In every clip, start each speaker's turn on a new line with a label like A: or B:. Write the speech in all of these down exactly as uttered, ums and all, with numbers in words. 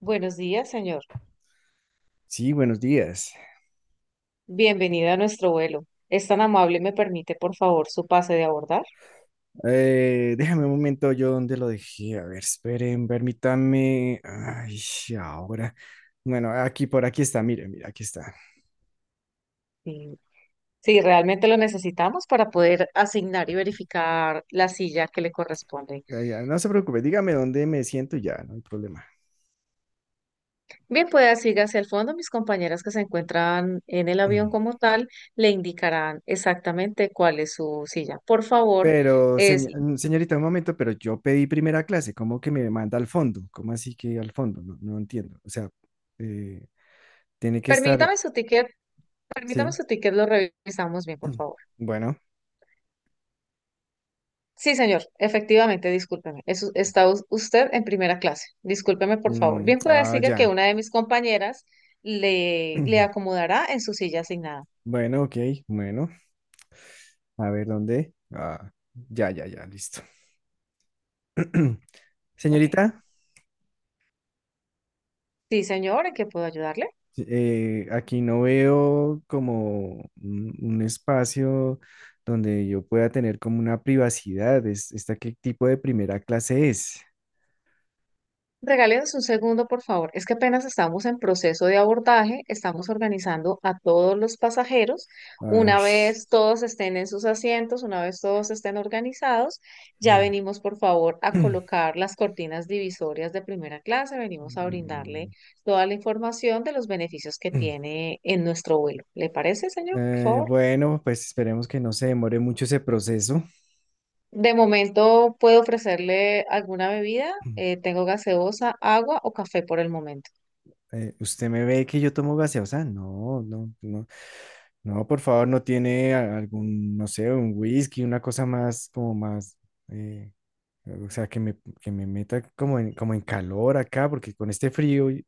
A: Buenos días, señor.
B: Sí, buenos días.
A: Bienvenido a nuestro vuelo. ¿Es tan amable, me permite, por favor, su pase de abordar?
B: Eh, déjame un momento, yo dónde lo dejé. A ver, esperen, permítame. Ay, ahora. Bueno, aquí, por aquí está, mire, mira, aquí está.
A: Sí, sí, realmente lo necesitamos para poder asignar y verificar la silla que le corresponde.
B: Ya, ya, no se preocupe, dígame dónde me siento y ya, no hay problema.
A: Bien, puede siga hacia el fondo. Mis compañeras que se encuentran en el avión
B: Mm.
A: como tal le indicarán exactamente cuál es su silla. Por favor,
B: Pero,
A: es...
B: señ- mm, señorita, un momento, pero yo pedí primera clase, ¿cómo que me manda al fondo? ¿Cómo así que al fondo? No, no entiendo. O sea, eh, tiene que estar,
A: permítame su ticket, permítame
B: sí.
A: su ticket, lo revisamos bien, por favor.
B: Bueno,
A: Sí, señor, efectivamente, discúlpeme. Es- está us- usted en primera clase. Discúlpeme, por favor.
B: mm,
A: Bien pueda
B: ah,
A: decir que
B: ya.
A: una de mis compañeras le, le acomodará en su silla asignada.
B: Bueno, ok, bueno. A ver, ¿dónde? Ah, ya, ya, ya, listo.
A: Ok.
B: Señorita,
A: Sí, señor, ¿en qué puedo ayudarle?
B: eh, aquí no veo como un, un espacio donde yo pueda tener como una privacidad. Es, ¿esta qué tipo de primera clase es?
A: Regálenos un segundo, por favor. Es que apenas estamos en proceso de abordaje, estamos organizando a todos los pasajeros.
B: Ay,
A: Una vez todos estén en sus asientos, una vez todos estén organizados, ya
B: mm,
A: venimos, por favor, a colocar las cortinas divisorias de primera clase. Venimos a
B: mm.
A: brindarle toda la información de los beneficios que
B: mm.
A: tiene en nuestro vuelo. ¿Le parece, señor? Por
B: Eh,
A: favor.
B: bueno, pues esperemos que no se demore mucho ese proceso.
A: De momento puedo ofrecerle alguna bebida.
B: Mm.
A: Eh, tengo gaseosa, agua o café por el momento.
B: Eh, ¿usted me ve que yo tomo gaseosa? No, no, no. No, por favor, no tiene a- algún, no sé, un whisky, una cosa más, como más, eh, o sea, que me, que me meta como en, como en calor acá, porque con este frío, y-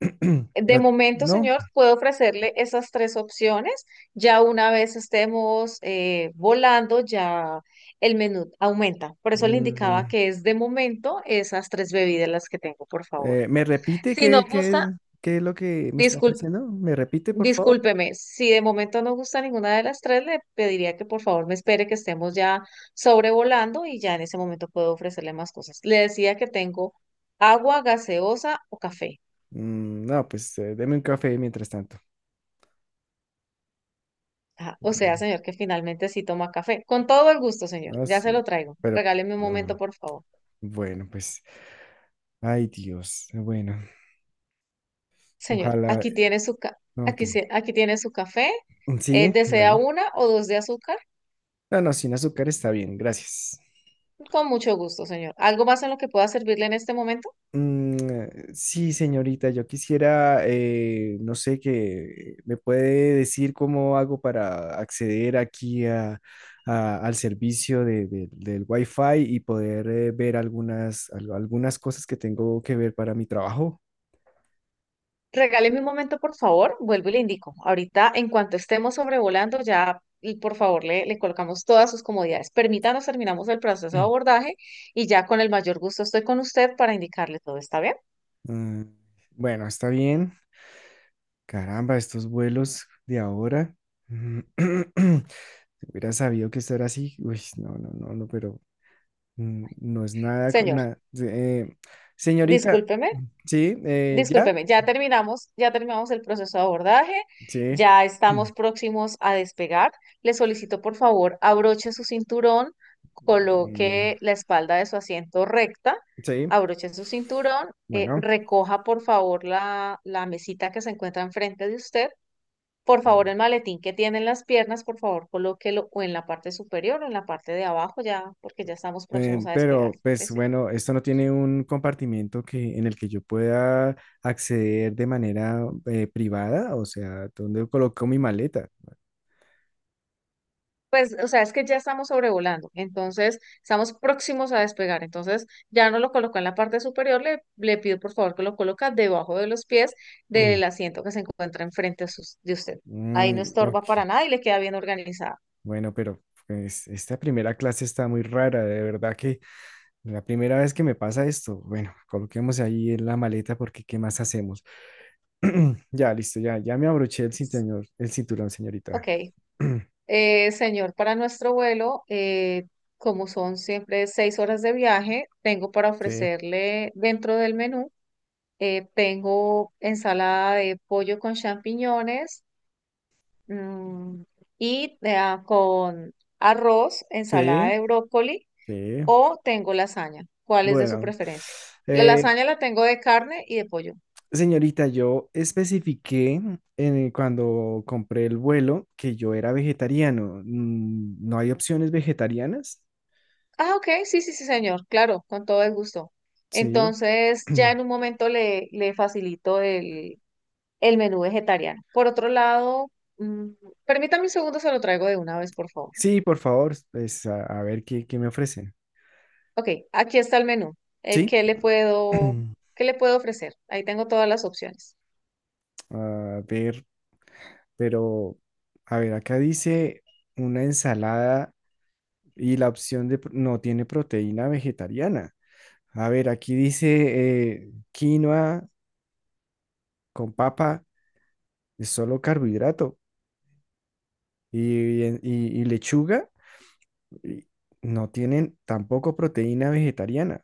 A: De
B: no,
A: momento,
B: no,
A: señor, puedo ofrecerle esas tres opciones. Ya una vez estemos eh, volando, ya el menú aumenta. Por eso le indicaba
B: mm,
A: que es de momento esas tres bebidas las que tengo, por favor.
B: eh, ¿me repite
A: Si no
B: qué,
A: gusta,
B: qué, qué es lo que me está
A: disculpe,
B: ofreciendo? ¿Me repite, por favor?
A: discúlpeme. Si de momento no gusta ninguna de las tres, le pediría que por favor me espere que estemos ya sobrevolando y ya en ese momento puedo ofrecerle más cosas. Le decía que tengo agua, gaseosa o café.
B: Mm, no, pues eh, deme un café mientras tanto.
A: Ah, o sea,
B: Mm,
A: señor, que finalmente sí toma café. Con todo el gusto, señor.
B: no
A: Ya
B: es-
A: se lo traigo.
B: pero,
A: Regáleme un
B: mm,
A: momento, por favor.
B: bueno, pues, ay Dios, bueno,
A: Señor,
B: ojalá,
A: aquí tiene su ca-
B: ok,
A: aquí, se- aquí tiene su café. Eh,
B: sí,
A: ¿desea
B: bueno.
A: una o dos de azúcar?
B: No, no, sin azúcar está bien, gracias.
A: Con mucho gusto, señor. ¿Algo más en lo que pueda servirle en este momento?
B: Mm, sí, señorita, yo quisiera, eh, no sé, que me puede decir cómo hago para acceder aquí a- a- al servicio de- de- del Wi-Fi y poder eh, ver algunas, al- algunas cosas que tengo que ver para mi trabajo.
A: Regáleme un momento, por favor. Vuelvo y le indico. Ahorita, en cuanto estemos sobrevolando, ya, y por favor, le, le colocamos todas sus comodidades. Permítanos, terminamos el proceso de abordaje y ya con el mayor gusto estoy con usted para indicarle todo. ¿Está bien?
B: Mm, bueno, está bien. Caramba, estos vuelos de ahora. Si hubiera sabido que esto era así, uy, no, no, no, no, pero mm, no es nada con
A: Señor,
B: nada. Sí, eh, señorita,
A: discúlpeme.
B: sí, eh, ya,
A: Discúlpeme, ya terminamos, ya terminamos el proceso de abordaje,
B: sí.
A: ya estamos próximos a despegar. Le solicito, por favor, abroche su cinturón,
B: Mm,
A: coloque la espalda de su asiento recta,
B: sí,
A: abroche su cinturón, eh,
B: bueno,
A: recoja, por favor, la, la mesita que se encuentra enfrente de usted. Por favor, el maletín que tiene en las piernas, por favor, colóquelo o en la parte superior o en la parte de abajo, ya, porque ya estamos próximos
B: eh,
A: a despegar.
B: pero
A: ¿Le
B: pues
A: parece?
B: bueno, esto no tiene un compartimiento que, en el que yo pueda acceder de manera eh, privada, o sea, ¿dónde coloco mi maleta?
A: Pues, o sea, es que ya estamos sobrevolando, entonces estamos próximos a despegar, entonces ya no lo colocó en la parte superior, le, le pido por favor que lo coloca debajo de los pies
B: Mm,
A: del asiento que se encuentra enfrente de sus- de usted. Ahí no
B: mm, ok,
A: estorba para nada y le queda bien organizado.
B: bueno, pero pues esta primera clase está muy rara, de verdad que la primera vez que me pasa esto, bueno, coloquemos ahí en la maleta porque ¿qué más hacemos? Ya, listo, ya, ya me abroché el cinturón, el cinturón, señorita.
A: Ok. Eh, señor, para nuestro vuelo, eh, como son siempre seis horas de viaje, tengo para
B: Sí,
A: ofrecerle dentro del menú, eh, tengo ensalada de pollo con champiñones. Mm, y eh, con arroz, ensalada
B: sí,
A: de brócoli
B: sí.
A: o tengo lasaña. ¿Cuál es de su
B: Bueno,
A: preferencia? La
B: eh,
A: lasaña la tengo de carne y de pollo.
B: señorita, yo especifiqué en- cuando compré el vuelo que yo era vegetariano. Mm, ¿No hay opciones vegetarianas?
A: Ah, ok, sí, sí, sí, señor, claro, con todo el gusto.
B: Sí.
A: Entonces, ya en un momento le, le facilito el, el menú vegetariano. Por otro lado, mm, permítame un segundo, se lo traigo de una vez, por favor.
B: Sí, por favor, pues a, a ver qué, qué me ofrecen.
A: Ok, aquí está el menú. Eh,
B: Sí.
A: ¿qué le puedo, ¿Qué le puedo ofrecer? Ahí tengo todas las opciones.
B: A ver, pero, a ver, acá dice una ensalada. Y la opción de, pr- no tiene proteína vegetariana. A ver, aquí dice eh, quinoa con papa, es solo carbohidrato. Y, y- y lechuga y no tienen tampoco proteína vegetariana.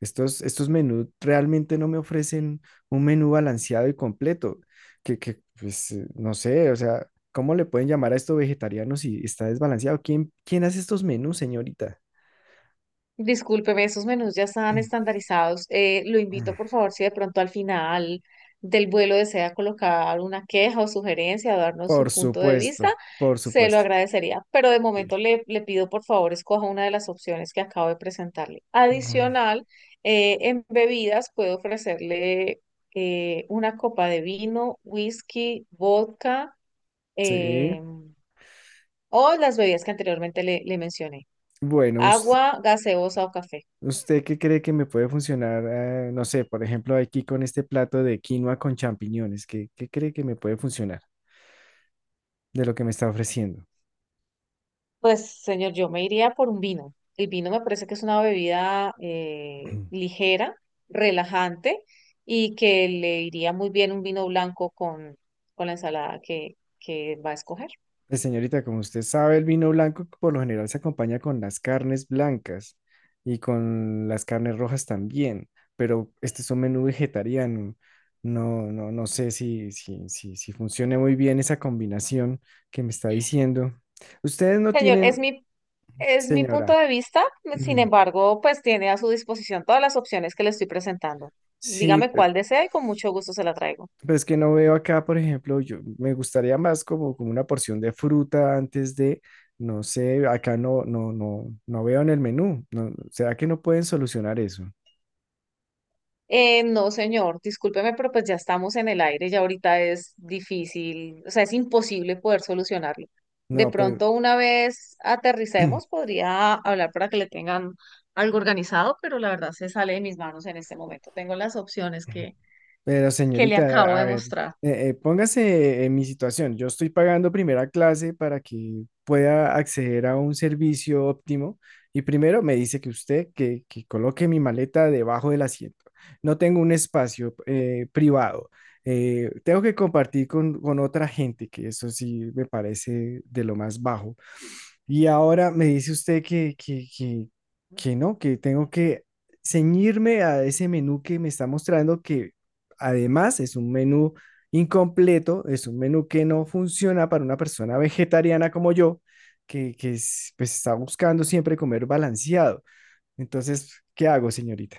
B: Estos, estos menús realmente no me ofrecen un menú balanceado y completo. Que, que, pues, eh, no sé, o sea, ¿cómo le pueden llamar a esto vegetariano si está desbalanceado? ¿Quién, ¿quién hace estos menús, señorita?
A: Discúlpeme, esos menús ya están estandarizados. Eh, lo invito, por favor, si de pronto al final del vuelo desea colocar una queja o sugerencia o darnos su
B: Por
A: punto de vista,
B: supuesto, por
A: se lo
B: supuesto.
A: agradecería. Pero de
B: Sí.
A: momento le, le pido, por favor, escoja una de las opciones que acabo de presentarle.
B: Mm,
A: Adicional, eh, en bebidas puedo ofrecerle eh, una copa de vino, whisky, vodka,
B: sí,
A: eh, o las bebidas que anteriormente le le mencioné,
B: bueno, us-
A: agua, gaseosa o café.
B: ¿usted qué cree que me puede funcionar? eh, no sé, por ejemplo, aquí con este plato de quinoa con champiñones, ¿qué, ¿qué cree que me puede funcionar de lo que me está ofreciendo?
A: Pues, señor, yo me iría por un vino. El vino me parece que es una bebida eh, ligera, relajante y que le iría muy bien un vino blanco con, con la ensalada que, que va a escoger.
B: Pues señorita, como usted sabe, el vino blanco por lo general se acompaña con las carnes blancas y con las carnes rojas también, pero este es un menú vegetariano. No, no, no sé si, si, si, si funcione muy bien esa combinación que me está diciendo. Ustedes no
A: Señor, es
B: tienen.
A: mi, es mi punto
B: Señora,
A: de vista, sin
B: mm,
A: embargo, pues tiene a su disposición todas las opciones que le estoy presentando.
B: sí,
A: Dígame
B: pe-
A: cuál desea y con mucho gusto se la traigo.
B: pues que no veo acá, por ejemplo, yo me gustaría más como, como una porción de fruta antes de, no sé, acá no, no, no, no veo en el menú. No, ¿será que no pueden solucionar eso?
A: Eh, no, señor, discúlpeme, pero pues ya estamos en el aire, ya ahorita es difícil, o sea, es imposible poder solucionarlo. De
B: No, pero
A: pronto, una vez aterricemos, podría hablar para que le tengan algo organizado, pero la verdad se sale de mis manos en este momento. Tengo las opciones que,
B: pero
A: que le acabo
B: señorita, a
A: de
B: ver,
A: mostrar.
B: eh, eh, póngase en mi situación. Yo estoy pagando primera clase para que pueda acceder a un servicio óptimo y primero me dice que usted que, que coloque mi maleta debajo del asiento. No tengo un espacio eh, privado. Eh, tengo que compartir con, con otra gente, que eso sí me parece de lo más bajo. Y ahora me dice usted que, que, que, que no, que tengo que ceñirme a ese menú que me está mostrando que, además, es un menú incompleto, es un menú que no funciona para una persona vegetariana como yo, que, que es- pues, está buscando siempre comer balanceado. Entonces, ¿qué hago, señorita?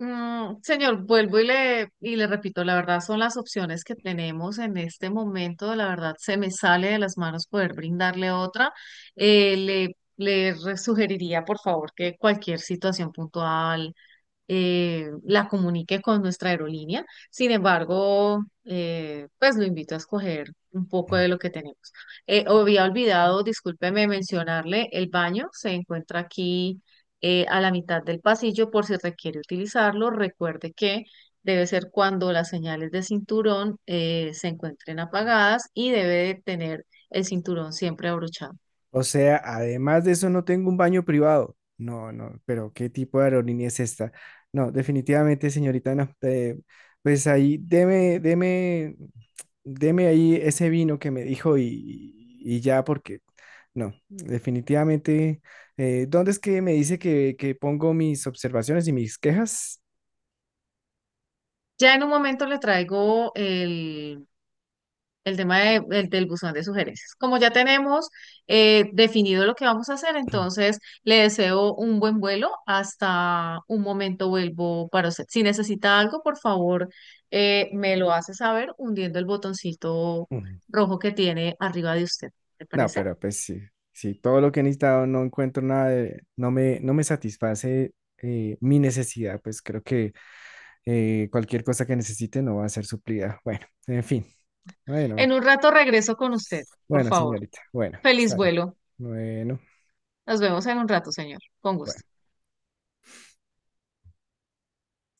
A: Mm, señor, vuelvo y le, y le repito, la verdad son las opciones que tenemos en este momento, la verdad se me sale de las manos poder brindarle otra. Eh, le, le re- sugeriría, por favor, que cualquier situación puntual eh, la comunique con nuestra aerolínea. Sin embargo, eh, pues lo invito a escoger un poco de lo que tenemos. Eh, había olvidado, discúlpeme mencionarle, el baño se encuentra aquí eh, a la mitad del pasillo por si requiere utilizarlo. Recuerde que debe ser cuando las señales de cinturón eh, se encuentren apagadas y debe de tener el cinturón siempre abrochado.
B: O sea, además de eso no tengo un baño privado. No, no, pero ¿qué tipo de aerolínea es esta? No, definitivamente, señorita, no. eh, pues ahí, deme, deme, deme ahí ese vino que me dijo y, y ya, porque no, definitivamente. eh, ¿dónde es que me dice que, que pongo mis observaciones y mis quejas?
A: Ya en un momento le traigo el El tema de- el del buzón de sugerencias. Como ya tenemos eh, definido lo que vamos a hacer, entonces le deseo un buen vuelo. Hasta un momento vuelvo para usted. Si necesita algo, por favor, eh, me lo hace saber hundiendo el botoncito
B: Mm.
A: rojo que tiene arriba de usted. ¿Te
B: No,
A: parece?
B: pero pues sí, sí, todo lo que he necesitado no encuentro nada de, no me, no me satisface eh, mi necesidad, pues creo que eh, cualquier cosa que necesite no va a ser suplida. Bueno, en fin. Bueno,
A: En un rato regreso con usted, por
B: bueno,
A: favor.
B: señorita. Bueno,
A: Feliz
B: está bien.
A: vuelo.
B: Bueno,
A: Nos vemos en un rato, señor. Con gusto.
B: bueno.